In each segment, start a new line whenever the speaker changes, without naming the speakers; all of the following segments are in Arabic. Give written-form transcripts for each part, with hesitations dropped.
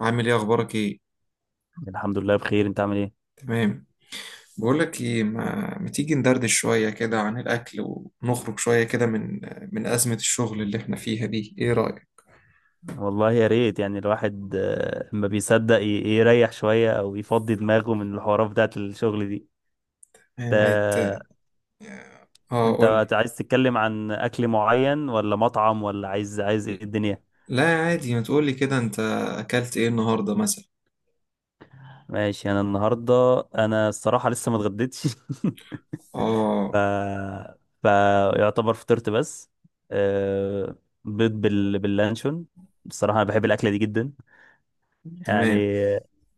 عامل ايه اخبارك ايه؟
الحمد لله بخير، انت عامل ايه؟
تمام. بقول لك ايه، ما تيجي ندردش شويه كده عن الاكل، ونخرج شويه كده من ازمه الشغل اللي احنا فيها دي. ايه رايك؟
والله يا ريت يعني الواحد ما بيصدق يريح شوية او يفضي دماغه من الحوارات بتاعت الشغل دي.
إيه ما يت...
انت
اه،
انت
قول لي.
عايز تتكلم عن اكل معين ولا مطعم ولا عايز ايه الدنيا؟
لا عادي، ما تقول لي كده، انت اكلت ايه النهارده مثلا؟
ماشي، انا النهاردة، انا الصراحة لسه ما اتغديتش. ف
اه.
فيعتبر فطرت بس. آه، بيض باللانشون. الصراحة انا بحب الاكلة دي جدا. يعني
تمام.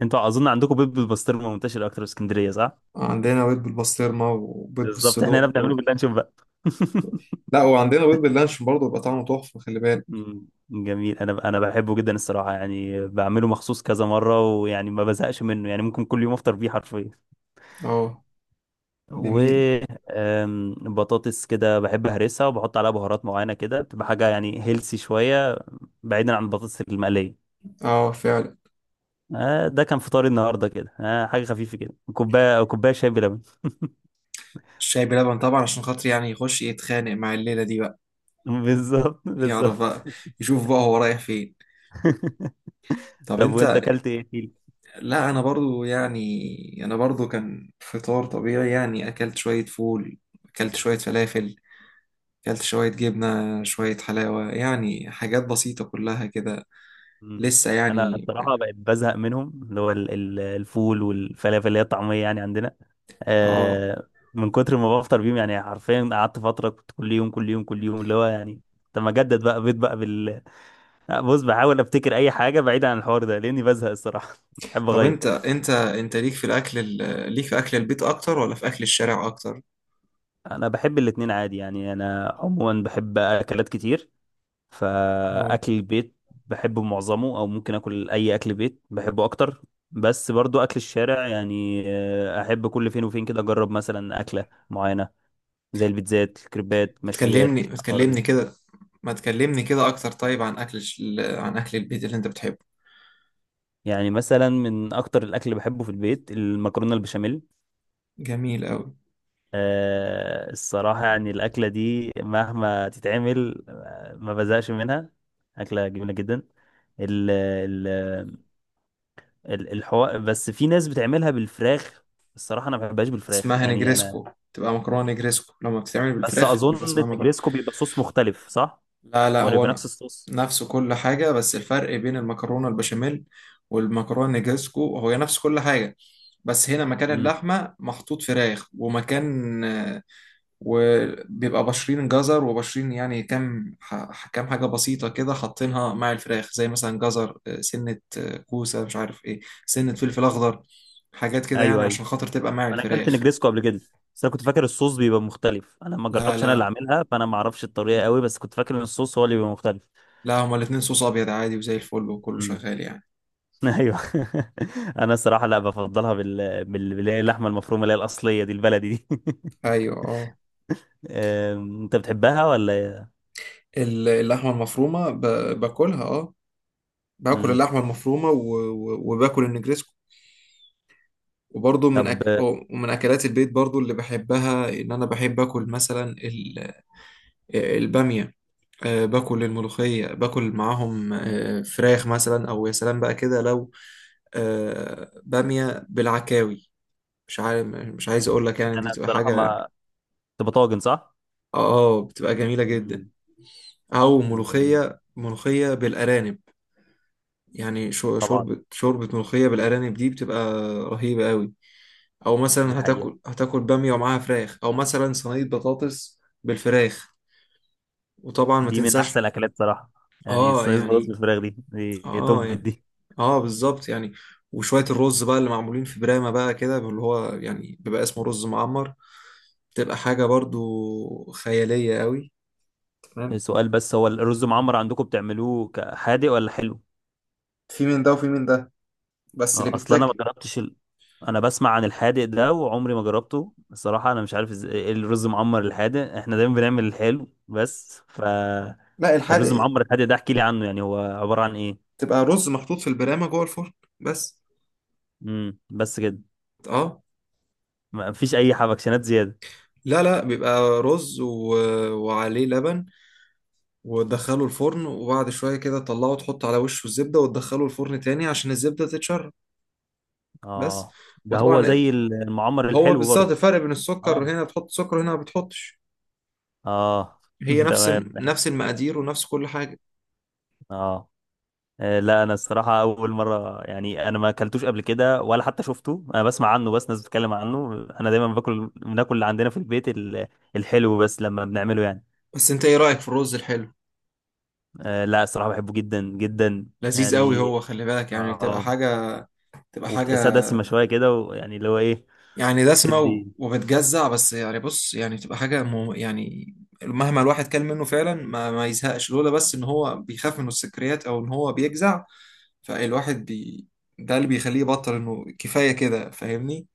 انتوا اظن عندكم بيض بالبسطرمه منتشر اكتر في اسكندريه، صح؟
عندنا بيض بالبسطرمه وبيض
بالظبط، احنا هنا
بالصدق و...
بنعمله باللانشون بقى.
لا، وعندنا بيض باللانشون برضه بيبقى طعمه تحفه، خلي بالك.
مم، جميل. انا بحبه جدا الصراحه، يعني بعمله مخصوص كذا مره، ويعني ما بزهقش منه، يعني ممكن كل يوم افطر بيه حرفيا.
اه،
و
جميل.
بطاطس كده بحب اهرسها وبحط عليها بهارات معينه، كده بتبقى حاجه يعني هيلسي شويه، بعيدا عن البطاطس المقليه.
اه، فعلا.
ده كان فطاري النهارده كده، حاجه خفيفه كده، كوبايه شاي بلبن.
الشاي بلبن طبعا عشان خاطر يعني يخش يتخانق مع الليله دي بقى.
بالظبط
يعرف
بالظبط.
بقى، يشوف بقى هو رايح فين. طب
طب
انت؟
وانت اكلت ايه فيل؟
لا انا برضو، يعني انا برضو كان فطار طبيعي، يعني اكلت شوية فول، اكلت شوية فلافل، اكلت شوية جبنة، شوية حلاوة، يعني حاجات بسيطة كلها كده.
مم.
لسه
انا
يعني.
بصراحه بقيت بزهق منهم، اللي هو الفول والفلافل اللي هي الطعميه يعني عندنا.
اه.
آه من كتر ما بفطر بيهم، يعني حرفيا قعدت فتره كنت كل يوم كل يوم كل يوم اللي هو يعني. طب ما اجدد بقى بيض بقى بص بحاول افتكر اي حاجه بعيده عن الحوار ده لاني بزهق الصراحه. بحب
طب
اغير.
انت ليك في الاكل، ليك في اكل البيت اكتر ولا في اكل الشارع اكتر؟
انا بحب الاتنين عادي، يعني انا عموما بحب اكلات كتير.
اه.
فاكل البيت بحبه معظمه، او ممكن اكل اي اكل بيت بحبه اكتر. بس برضو اكل الشارع يعني احب كل فين وفين كده اجرب مثلا اكله معينه، زي البيتزات الكريبات
تكلمني
مشويات الحوار دي.
تكلمني كده، ما تكلمني كده اكتر. طيب، عن اكل عن اكل البيت اللي انت بتحبه.
يعني مثلا من اكتر الاكل اللي بحبه في البيت المكرونه البشاميل.
جميل قوي.
الصراحه يعني الاكله دي مهما تتعمل ما بزهقش منها، اكله جميله جدا. ال الحوار بس في ناس بتعملها بالفراخ. الصراحة أنا ما بحبهاش بالفراخ،
اسمها
يعني أنا.
نجريسكو، تبقى مكرونة نجريسكو لما بتتعمل
بس
بالفراخ بيبقى
أظن
اسمها مكرونة.
النجريسكو بيبقى صوص مختلف، صح؟
لا لا،
ولا بيبقى نفس الصوص؟
نفسه كل حاجة، بس الفرق بين المكرونة البشاميل والمكرونة نجريسكو هو نفس كل حاجة، بس هنا مكان
امم.
اللحمة محطوط فراخ، ومكان وبيبقى بشرين جزر وبشرين، يعني كام كام حاجة بسيطة كده حاطينها مع الفراخ، زي مثلا جزر، سنة، كوسة، مش عارف ايه، سنة فلفل أخضر، حاجات كده يعني
أيوه أيوه،
عشان خاطر تبقى مع
أنا أكلت
الفراخ.
نجريسكو قبل كده. بس أنا كنت فاكر الصوص بيبقى مختلف، أنا ما
لا
جربتش، أنا اللي
لا
عاملها، فأنا ما أعرفش الطريقة قوي، بس كنت فاكر إن الصوص هو اللي بيبقى مختلف.
لا، هما الاتنين صوص ابيض عادي وزي الفل وكله
امم.
شغال يعني.
أيوه. أنا الصراحة لا بفضلها بال بال اللي هي اللحمة المفرومة، اللي هي الأصلية دي، البلدي دي.
ايوه اه.
أنت بتحبها ولا إيه؟
اللحمه المفرومه، باكلها اه، باكل
امم
اللحمه المفرومه وباكل النجريسكو. وبرضه
طب،
ومن اكلات البيت برضه اللي بحبها ان انا بحب اكل مثلا الباميه، باكل الملوخيه، باكل معاهم فراخ مثلا، او يا سلام بقى كده لو باميه بالعكاوي، مش عارف، مش عايز اقول لك، يعني دي
أنا
بتبقى
الصراحة
حاجه اه،
ما، تبقى طاجن، صح؟
بتبقى جميله جدا.
مم.
او
جميل
ملوخيه ملوخيه بالارانب، يعني
طبعا.
شوربه ملوخيه بالارانب دي بتبقى رهيبه قوي. او
دي
مثلا
حقيقة،
هتاكل باميه ومعاها فراخ، او مثلا صينيه بطاطس بالفراخ. وطبعا ما
دي من أحسن
تنساش.
الأكلات صراحة، يعني
اه
الصينية بالرز
يعني،
بالفراخ دي
اه
توب
يعني،
دي.
اه بالظبط يعني. وشويه الرز بقى اللي معمولين في برامه بقى كده اللي هو يعني بيبقى اسمه رز معمر، بتبقى حاجه برضو خياليه قوي. تمام.
سؤال، بس هو الرز معمر عندكم بتعملوه حادق ولا حلو؟
في من ده وفي من ده، بس اللي
اه، اصل انا ما
بيتاكل.
جربتش انا بسمع عن الحادق ده وعمري ما جربته الصراحه، انا مش عارف ازاي إيه الرز معمر الحادق، احنا دايما بنعمل الحلو بس.
لا،
الرز
الحادق
معمر الحادق ده احكي لي عنه، يعني هو عباره عن ايه؟
تبقى رز محطوط في البرامة جوه الفرن، بس.
امم، بس كده؟
اه.
ما فيش اي حبكشنات زياده؟
لا لا، بيبقى رز و... وعليه لبن، وتدخله الفرن، وبعد شوية كده تطلعه وتحط على وشه الزبدة وتدخله الفرن تاني عشان الزبدة تتشرب، بس.
اه، ده هو
وطبعا،
زي المعمر
هو
الحلو
بالظبط
برضه.
الفرق بين السكر،
اه
هنا بتحط سكر، هنا ما بتحطش.
اه.
هي نفس
تمام
نفس المقادير ونفس كل حاجة.
اه. لا انا الصراحه اول مره، يعني انا ما اكلتوش قبل كده ولا حتى شفته، انا بسمع عنه بس، ناس بتتكلم عنه. انا دايما بناكل اللي عندنا في البيت الحلو بس لما بنعمله يعني.
بس انت ايه رأيك في الرز الحلو؟
لا الصراحه بحبه جدا جدا.
لذيذ قوي
يعني
هو، خلي بالك
اه
يعني بتبقى حاجة، بتبقى حاجة
وبتحسها دسمه شويه كده، ويعني اللي هو ايه.
يعني دسمة
تدي.
وبتجزع، بس يعني بص يعني بتبقى حاجة مو يعني، مهما الواحد كل منه فعلا ما يزهقش، لولا بس إن هو بيخاف من السكريات أو إن هو بيجزع، فالواحد بي، ده اللي بيخليه يبطل إنه كفاية كده، فاهمني.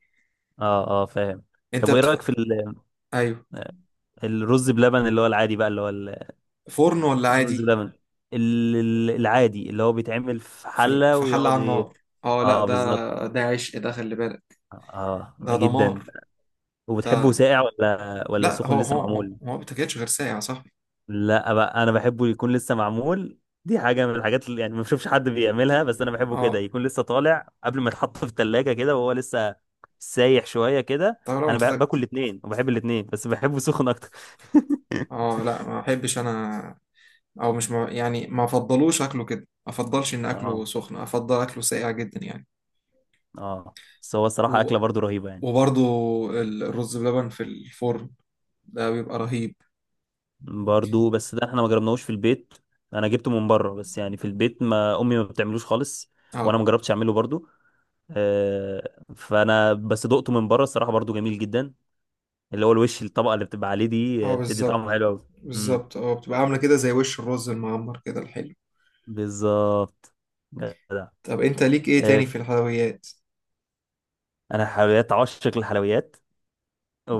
اه اه، فاهم.
أنت
طب وايه رايك
بتح...
في
أيوه.
الرز بلبن اللي هو العادي بقى، اللي هو
فرن ولا
الرز
عادي؟
بلبن العادي اللي هو بيتعمل في
في
حلة
في حلة
ويقعد
على
إيه،
النار. أه لا،
اه بالظبط،
ده عشق، ده خلي بالك،
اه
ده
جدا.
دمار.
وبتحبه
ده
ساقع ولا
لا،
سخن
هو
لسه
هو هو
معمول؟
هو ما بتاكلش غير ساقع يا صاحبي.
لا بقى، انا بحبه يكون لسه معمول. دي حاجه من الحاجات اللي يعني ما بشوفش حد بيعملها، بس انا بحبه كده
أه.
يكون لسه طالع قبل ما يتحط في الثلاجه كده وهو لسه سايح شويه كده.
طب لو
انا
أنت تاك-
باكل الاثنين وبحب الاثنين، بس بحبه سخن اكتر.
أه لا، ما بحبش أنا، او مش مع... يعني ما افضلوش اكله كده، ما افضلش ان اكله
اه
سخن، افضل اكله ساقع جدا يعني.
اه. بس هو
و...
الصراحه اكله برضو رهيبه يعني.
وبرضو الرز بلبن في الفرن ده بيبقى رهيب.
برضو بس ده احنا ما جربناهوش في البيت، انا جبته من بره بس، يعني في البيت ما امي ما بتعملوش خالص، وانا
اه
ما جربتش اعمله برضو. آه، فانا بس دقته من بره الصراحه، برضو جميل جدا، اللي هو الوش الطبقه اللي بتبقى عليه دي
اه،
بتدي طعم
بالظبط
حلو قوي. امم،
بالظبط. اه، بتبقى عامله كده زي وش الرز المعمر كده الحلو.
بالظبط، جدع.
طب انت ليك ايه
آه،
تاني في الحلويات؟
انا حلويات، عاشق للحلويات،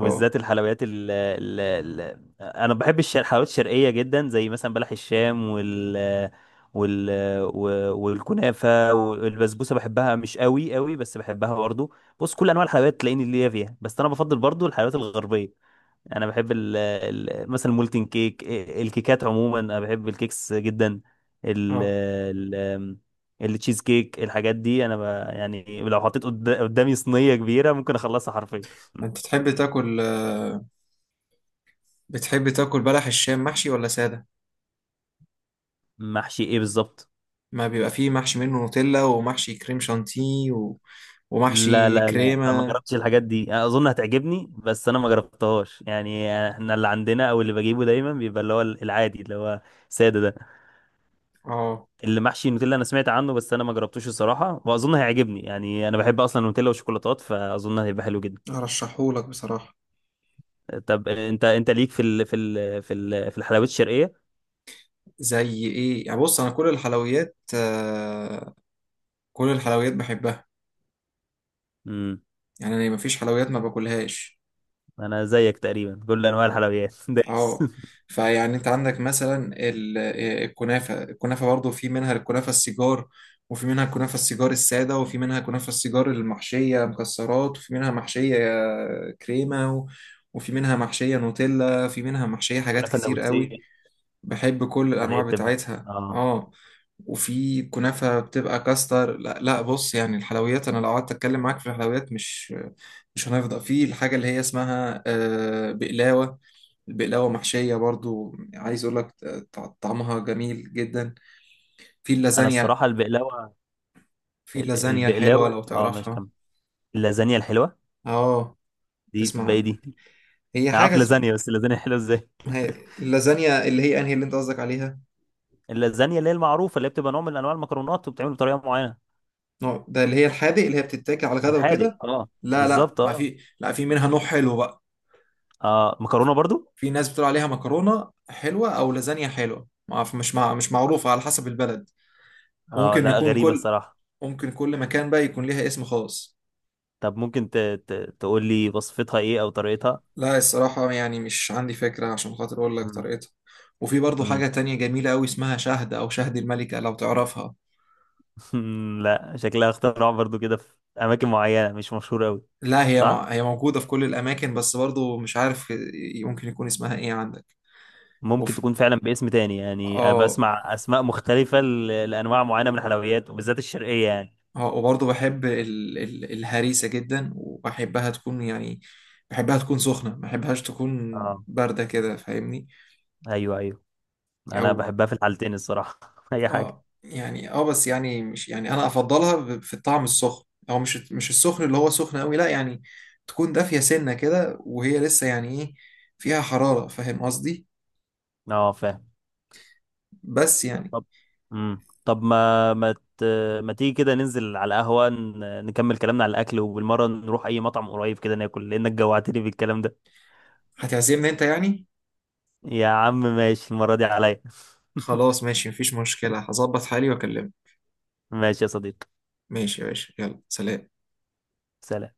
اه
الحلويات ال ال ال انا بحب الحلويات الشرقيه جدا، زي مثلا بلح الشام وال والكنافه والبسبوسه، بحبها مش قوي قوي بس بحبها برضو. بص، كل انواع الحلويات تلاقيني ليا فيها، بس انا بفضل برضو الحلويات الغربيه. انا بحب ال ال مثلا المولتن كيك، الكيكات عموما انا بحب الكيكس جدا، ال
اه.
ال التشيز كيك، الحاجات دي انا يعني لو حطيت قدامي صينيه كبيره ممكن اخلصها حرفيا.
انت تحب تاكل، بتحب تاكل بلح الشام محشي ولا ساده؟
محشي ايه بالظبط؟
ما بيبقى فيه محشي، منه نوتيلا ومحشي كريم شانتيه و...
لا
ومحشي
لا لا، انا ما
كريمه.
جربتش الحاجات دي، انا اظن هتعجبني بس انا ما جربتهاش، يعني احنا اللي عندنا او اللي بجيبه دايما بيبقى اللي هو العادي اللي هو ساده ده.
اه،
اللي محشي النوتيلا انا سمعت عنه بس انا ما جربتوش الصراحه، واظن هيعجبني يعني انا بحب اصلا النوتيلا والشوكولاتات، فاظن هيبقى حلو جدا.
ارشحهولك بصراحة.
طب انت ليك في الحلويات الشرقيه؟
زي ايه يعني؟ بص، انا كل الحلويات كل الحلويات بحبها،
امم
يعني انا مفيش حلويات ما باكلهاش.
انا زيك تقريبا، كل انواع
اه.
الحلويات دايس.
آه. فيعني انت عندك مثلا الكنافة، الكنافة برضو في منها الكنافة السيجار، وفي منها الكنافة السيجار السادة، وفي منها كنافة السيجار المحشية مكسرات، وفي منها محشية كريمة وفي منها محشية نوتيلا، وفي منها محشية حاجات
كنافه
كتير قوي.
النابلسيه،
بحب كل
اللي
الانواع
هي بتبقى
بتاعتها
اه،
اه. وفي كنافه بتبقى كاستر. لا لا، بص يعني الحلويات، انا لو قعدت اتكلم معاك في الحلويات مش هنفضى، في الحاجه اللي هي اسمها بقلاوه، البقلاوه محشيه برضو، عايز اقول لك طعمها جميل جدا. في
انا
اللازانيا،
الصراحه البقلاوه،
في اللازانيا الحلوه
البقلاوه
لو
اه، ماشي
تعرفها.
كمل. اللازانيا الحلوه
اه.
دي
تسمع
تبقى ايه دي؟
عنها. هي
انا عارف
حاجه اسمها،
لازانيا، بس اللازانيا حلوه ازاي؟
اللازانيا اللي هي انهي اللي انت قصدك عليها،
اللازانيا اللي هي المعروفه، اللي هي بتبقى نوع من انواع المكرونات وبتعمل بطريقه معينه.
ده اللي هي الحادق اللي هي بتتاكل على الغدا وكده.
الحادق اه،
لا لا،
بالظبط
ما
اه.
في، لا في منها نوع حلو بقى.
اه مكرونه برضو.
في ناس بتقول عليها مكرونة حلوة أو لازانيا حلوة، ما أعرف، مش معروفة، على حسب البلد.
اه
ممكن
لا،
يكون
غريبه
كل
الصراحه.
ممكن كل مكان بقى يكون ليها اسم خاص.
طب ممكن تقول لي وصفتها ايه او طريقتها؟
لا الصراحة يعني مش عندي فكرة عشان خاطر أقول لك
مم.
طريقتها. وفي برضو حاجة
مم.
تانية جميلة أوي اسمها شهد، أو شهد الملكة لو تعرفها.
لا شكلها اختراع برضو كده، في اماكن معينه مش مشهوره قوي.
لا
صح.
هي موجودة في كل الأماكن، بس برضو مش عارف ممكن يكون اسمها إيه عندك.
ممكن
وفي
تكون فعلا باسم تاني يعني، أبقى
آه
اسمع اسماء مختلفه لانواع معينه من الحلويات وبالذات الشرقيه يعني.
اه وبرضه بحب الهريسة جدا، وبحبها تكون يعني بحبها تكون سخنة، ما بحبهاش تكون
اه
باردة كده، فاهمني.
ايوه ايوه،
او
انا بحبها في الحالتين الصراحه. اي حاجه.
اه يعني اه، بس يعني مش يعني انا افضلها في الطعم السخن، او مش السخن اللي هو سخن قوي، لا، يعني تكون دافية سنة كده وهي لسه يعني ايه، فيها حرارة، فاهم قصدي.
اه فاهم.
بس يعني.
طب طب ما ما ت... ما تيجي كده ننزل على القهوه، نكمل كلامنا على الاكل، وبالمره نروح اي مطعم قريب كده ناكل، لانك جوعتني بالكلام ده.
هتعزمني انت يعني.
يا عم ماشي، المره دي عليا.
خلاص ماشي، مفيش مشكلة، هظبط حالي واكلمك.
ماشي يا صديقي.
ماشي يا باشا، يلا سلام.
سلام.